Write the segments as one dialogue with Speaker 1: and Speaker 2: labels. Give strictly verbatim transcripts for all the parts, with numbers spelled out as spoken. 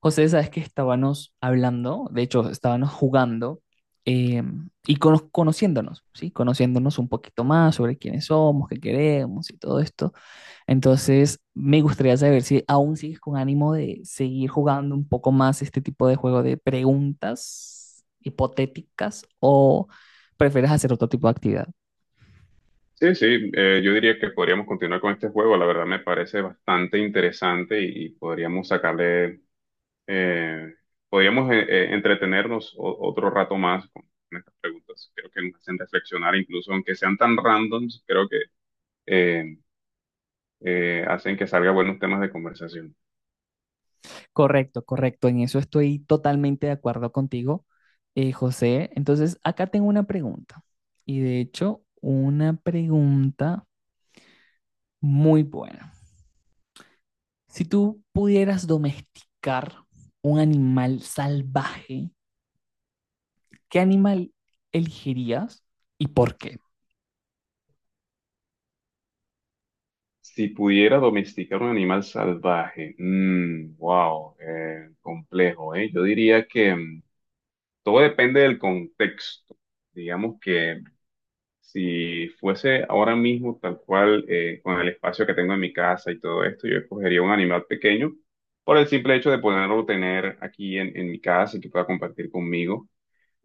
Speaker 1: José, sabes que estábamos hablando, de hecho, estábamos jugando eh, y cono- conociéndonos, ¿sí? Conociéndonos un poquito más sobre quiénes somos, qué queremos y todo esto. Entonces, me gustaría saber si aún sigues con ánimo de seguir jugando un poco más este tipo de juego de preguntas hipotéticas o prefieres hacer otro tipo de actividad.
Speaker 2: Sí, sí, eh, yo diría que podríamos continuar con este juego. La verdad me parece bastante interesante y, y podríamos sacarle, eh, podríamos eh, eh, entretenernos o- otro rato más con, con estas preguntas. Creo que nos hacen reflexionar, incluso aunque sean tan randoms, creo que eh, eh, hacen que salgan buenos temas de conversación.
Speaker 1: Correcto, correcto. En eso estoy totalmente de acuerdo contigo, eh, José. Entonces, acá tengo una pregunta. Y de hecho, una pregunta muy buena. Si tú pudieras domesticar un animal salvaje, ¿qué animal elegirías y por qué?
Speaker 2: Si pudiera domesticar un animal salvaje, mm, wow, eh, complejo, ¿eh? Yo diría que mm, todo depende del contexto. Digamos que si fuese ahora mismo tal cual eh, con el espacio que tengo en mi casa y todo esto, yo escogería un animal pequeño por el simple hecho de poderlo tener aquí en, en mi casa y que pueda compartir conmigo.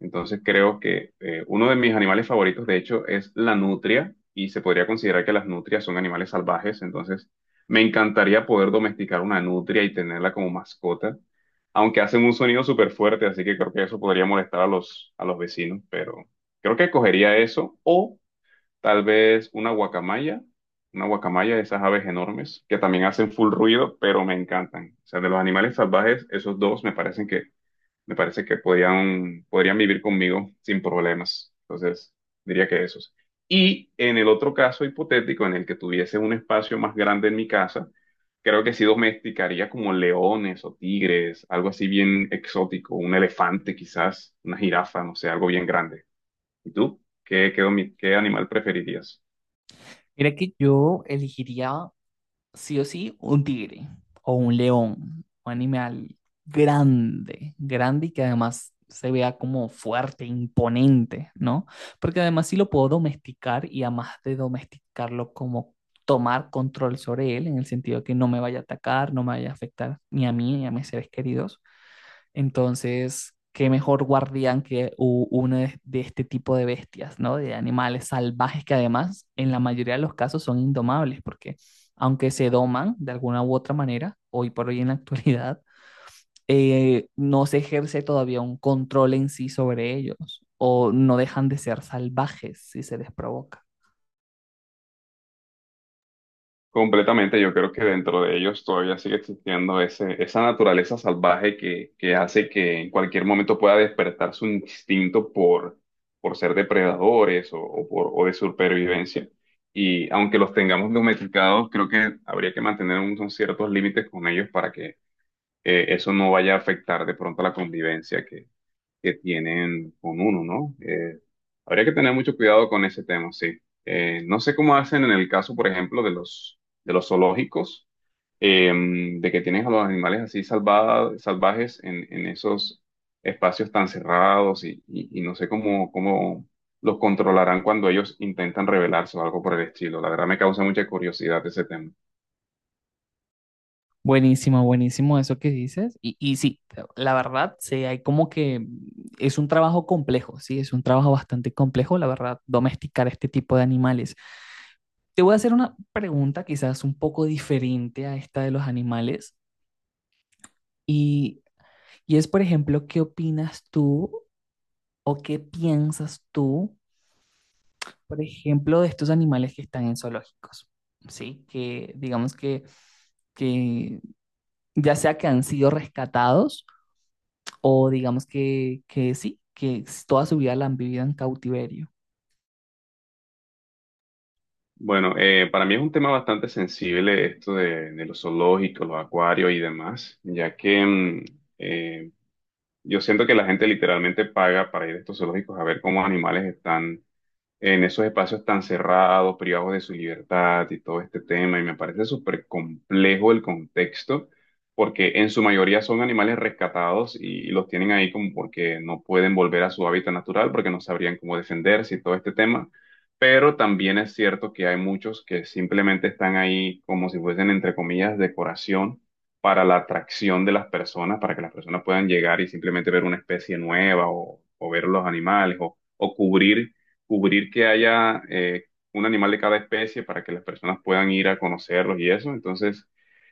Speaker 2: Entonces creo que eh, uno de mis animales favoritos, de hecho, es la nutria y se podría considerar que las nutrias son animales salvajes. Entonces me encantaría poder domesticar una nutria y tenerla como mascota, aunque hacen un sonido súper fuerte, así que creo que eso podría molestar a los, a los vecinos, pero creo que escogería eso o tal vez una guacamaya, una guacamaya, esas aves enormes que también hacen full ruido, pero me encantan. O sea, de los animales salvajes, esos dos me parecen que me parece que podrían podrían vivir conmigo sin problemas. Entonces, diría que esos. Y en el otro caso hipotético en el que tuviese un espacio más grande en mi casa, creo que sí domesticaría como leones o tigres, algo así bien exótico, un elefante quizás, una jirafa, no sé, algo bien grande. ¿Y tú? ¿Qué, qué domi- qué animal preferirías?
Speaker 1: Mira que yo elegiría sí o sí, un tigre o un león, un animal grande, grande y que además se vea como fuerte, imponente, ¿no? Porque además sí lo puedo domesticar y además de domesticarlo como tomar control sobre él, en el sentido que no me vaya a atacar, no me vaya a afectar ni a mí ni a mis seres queridos, entonces, qué mejor guardián que u- uno de, de este tipo de bestias, ¿no? De animales salvajes que además en la mayoría de los casos son indomables, porque aunque se doman de alguna u otra manera, hoy por hoy en la actualidad, eh, no se ejerce todavía un control en sí sobre ellos o no dejan de ser salvajes si se les provoca.
Speaker 2: Completamente, yo creo que dentro de ellos todavía sigue existiendo ese, esa naturaleza salvaje que, que hace que en cualquier momento pueda despertar su instinto por, por ser depredadores o, o por, o de supervivencia. Y aunque los tengamos domesticados, creo que habría que mantener unos ciertos límites con ellos para que eh, eso no vaya a afectar de pronto la convivencia que, que tienen con uno, ¿no? Eh, habría que tener mucho cuidado con ese tema, sí. Eh, no sé cómo hacen en el caso, por ejemplo, de los, de los zoológicos, em, de que tienen a los animales así salva- salvajes en, en esos espacios tan cerrados y, y- y no sé cómo, cómo los controlarán cuando ellos intentan rebelarse o algo por el estilo. La verdad me causa mucha curiosidad ese tema.
Speaker 1: Buenísimo, buenísimo eso que dices. Y, y sí, la verdad, sí, hay como que es un trabajo complejo, sí, es un trabajo bastante complejo, la verdad, domesticar este tipo de animales. Te voy a hacer una pregunta quizás un poco diferente a esta de los animales. Y, y es, por ejemplo, ¿qué opinas tú o qué piensas tú, por ejemplo, de estos animales que están en zoológicos? Sí, que digamos que, que ya sea que han sido rescatados o digamos que, que sí, que s- toda su vida la han vivido en cautiverio.
Speaker 2: Bueno, eh, para mí es un tema bastante sensible esto de, de los zoológicos, los acuarios y demás, ya que mm, eh, yo siento que la gente literalmente paga para ir a estos zoológicos a ver cómo animales están en esos espacios tan cerrados, privados de su libertad y todo este tema. Y me parece súper complejo el contexto, porque en su mayoría son animales rescatados y, y los tienen ahí como porque no pueden volver a su hábitat natural, porque no sabrían cómo defenderse y todo este tema. Pero también es cierto que hay muchos que simplemente están ahí como si fuesen, entre comillas, decoración para la atracción de las personas, para que las personas puedan llegar y simplemente ver una especie nueva o, o ver los animales o o cubrir cubrir que haya eh, un animal de cada especie para que las personas puedan ir a conocerlos y eso. Entonces,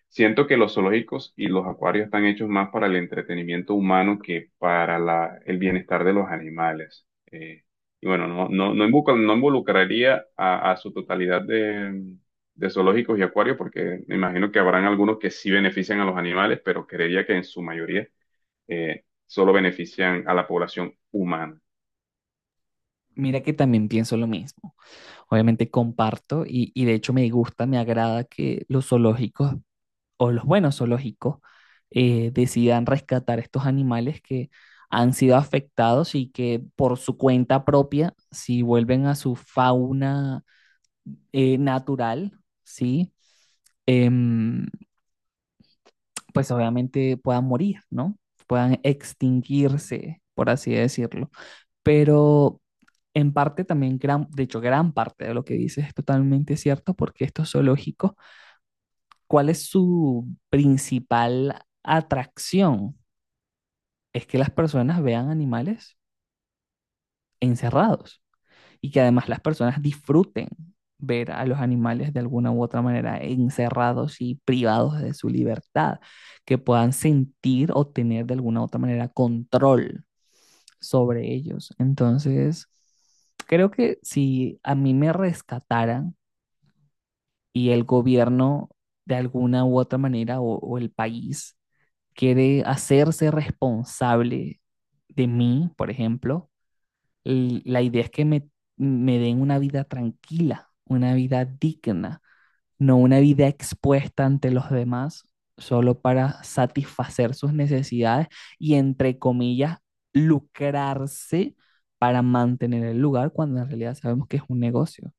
Speaker 2: siento que los zoológicos y los acuarios están hechos más para el entretenimiento humano que para la- el bienestar de los animales. Eh, y bueno, no, no, no involucra- no involucraría a, a su totalidad de, de zoológicos y acuarios, porque me imagino que habrán algunos que sí benefician a los animales, pero creería que en su mayoría eh, solo benefician a la población humana.
Speaker 1: Mira que también pienso lo mismo. Obviamente comparto y, y de hecho me gusta, me agrada que los zoológicos o los buenos zoológicos eh, decidan rescatar estos animales que han sido afectados y que por su cuenta propia, si vuelven a su fauna eh, natural, ¿sí? em, pues obviamente puedan morir, ¿no? Puedan extinguirse, por así decirlo. Pero en parte también, gran, de hecho, gran parte de lo que dices es totalmente cierto porque esto es zoológico. ¿Cuál es su principal atracción? Es que las personas vean animales encerrados, y que además las personas disfruten ver a los animales de alguna u otra manera encerrados y privados de su libertad, que puedan sentir o tener de alguna u otra manera control sobre ellos. Entonces, creo que si a mí me rescataran y el gobierno de alguna u otra manera o, o el país quiere hacerse responsable de mí, por ejemplo, l- la idea es que me, me den una vida tranquila, una vida digna, no una vida expuesta ante los demás solo para satisfacer sus necesidades y, entre comillas, lucrarse para mantener el lugar cuando en realidad sabemos que es un negocio.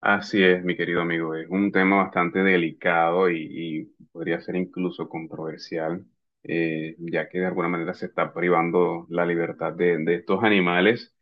Speaker 2: Así es, mi querido amigo, es un tema bastante delicado y, y podría ser incluso controversial, eh, ya que de alguna manera se está privando la libertad de, de estos animales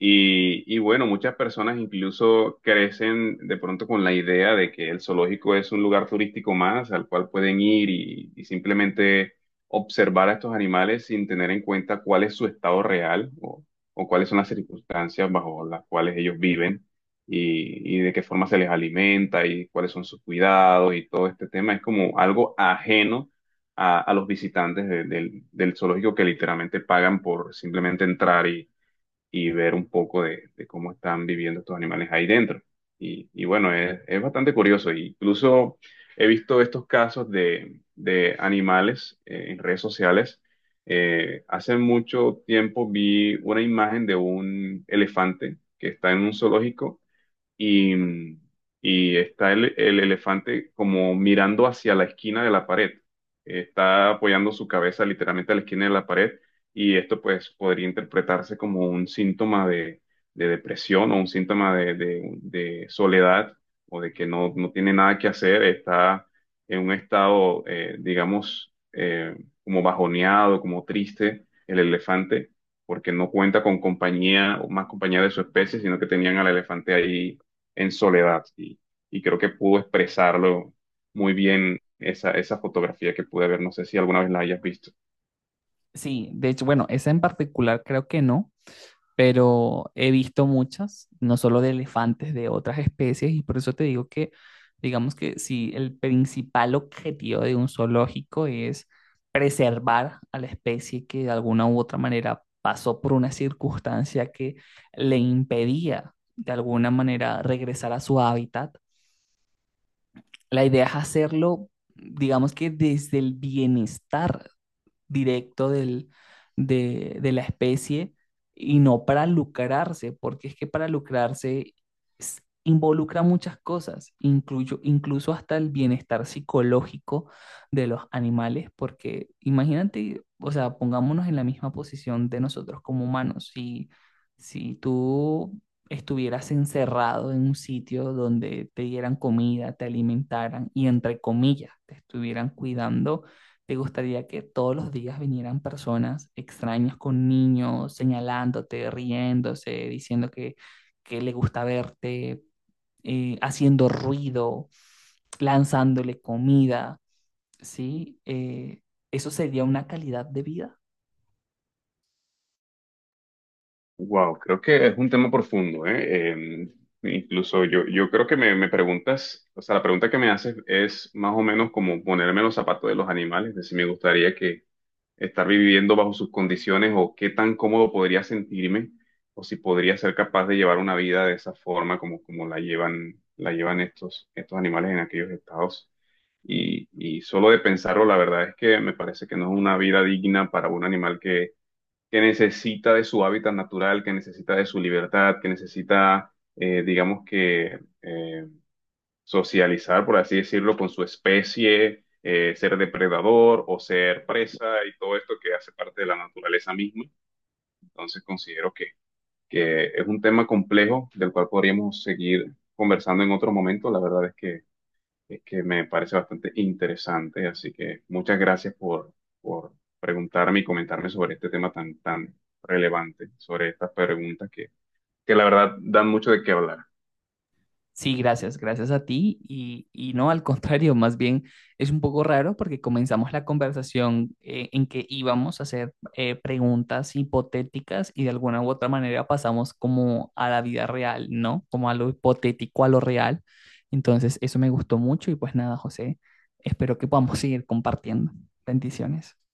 Speaker 2: y, y bueno, muchas personas incluso crecen de pronto con la idea de que el zoológico es un lugar turístico más al cual pueden ir y, y simplemente observar a estos animales sin tener en cuenta cuál es su estado real o, o cuáles son las circunstancias bajo las cuales ellos viven y, y de qué forma se les alimenta y cuáles son sus cuidados y todo este tema. Es como algo ajeno a, a los visitantes de- del del zoológico que literalmente pagan por simplemente entrar y y ver un poco de, de cómo están viviendo estos animales ahí dentro. Y, y bueno, es, es bastante curioso. Incluso he visto estos casos de, de animales eh, en redes sociales. Eh, hace mucho tiempo vi una imagen de un elefante que está en un zoológico y, y está el, el elefante como mirando hacia la esquina de la pared. Está apoyando su cabeza literalmente a la esquina de la pared y esto pues podría interpretarse como un síntoma de, de depresión o un síntoma de, de- de soledad o de que no, no tiene nada que hacer, está en un estado, eh, digamos, eh, como bajoneado, como triste el elefante porque no cuenta con compañía o más compañía de su especie, sino que tenían al elefante ahí en soledad y, y creo que pudo expresarlo muy bien esa, esa fotografía que pude ver. No sé si alguna vez la hayas visto.
Speaker 1: Sí, de hecho, bueno, esa en particular creo que no, pero he visto muchas, no solo de elefantes, de otras especies, y por eso te digo que, digamos que si el principal objetivo de un zoológico es preservar a la especie que de alguna u otra manera pasó por una circunstancia que le impedía de alguna manera regresar a su hábitat, la idea es hacerlo, digamos que desde el bienestar directo del, de, de la especie y no para lucrarse, porque es que para lucrarse s- involucra muchas cosas, incluyo, incluso hasta el bienestar psicológico de los animales, porque imagínate, o sea, pongámonos en la misma posición de nosotros como humanos, si, si tú estuvieras encerrado en un sitio donde te dieran comida, te alimentaran y entre comillas te estuvieran cuidando, ¿te gustaría que todos los días vinieran personas extrañas con niños, señalándote, riéndose, diciendo que, que le gusta verte, eh, haciendo ruido, lanzándole comida? ¿Sí? ¿Eh, eso sería una calidad de vida?
Speaker 2: Wow, creo que es un tema profundo, ¿eh? Em, incluso yo, yo creo que me, me preguntas, o sea, la pregunta que me haces es más o menos como ponerme en los zapatos de los animales, es decir, me gustaría que estar viviendo bajo sus condiciones o qué tan cómodo podría sentirme o si podría ser capaz de llevar una vida de esa forma como, como la llevan, la llevan estos, estos animales en aquellos estados. Y, y solo de pensarlo, la verdad es que me parece que no es una vida digna para un animal que, que necesita de su hábitat natural, que necesita de su libertad, que necesita, eh, digamos que, eh, socializar, por así decirlo, con su especie, eh, ser depredador o ser presa y todo esto que hace parte de la naturaleza misma. Entonces considero que, que es un tema complejo del cual podríamos seguir conversando en otro momento. La verdad es que, es que me parece bastante interesante, así que muchas gracias por, por preguntarme y comentarme sobre este tema tan, tan relevante, sobre estas preguntas que, que la verdad dan mucho de qué hablar.
Speaker 1: Sí, gracias, gracias a ti. Y, y no, al contrario, más bien es un poco raro porque comenzamos la conversación eh, en que íbamos a hacer eh, preguntas hipotéticas y de alguna u otra manera pasamos como a la vida real, ¿no? Como a lo hipotético, a lo real. Entonces, eso me gustó mucho y pues nada, José, espero que podamos seguir compartiendo. Bendiciones.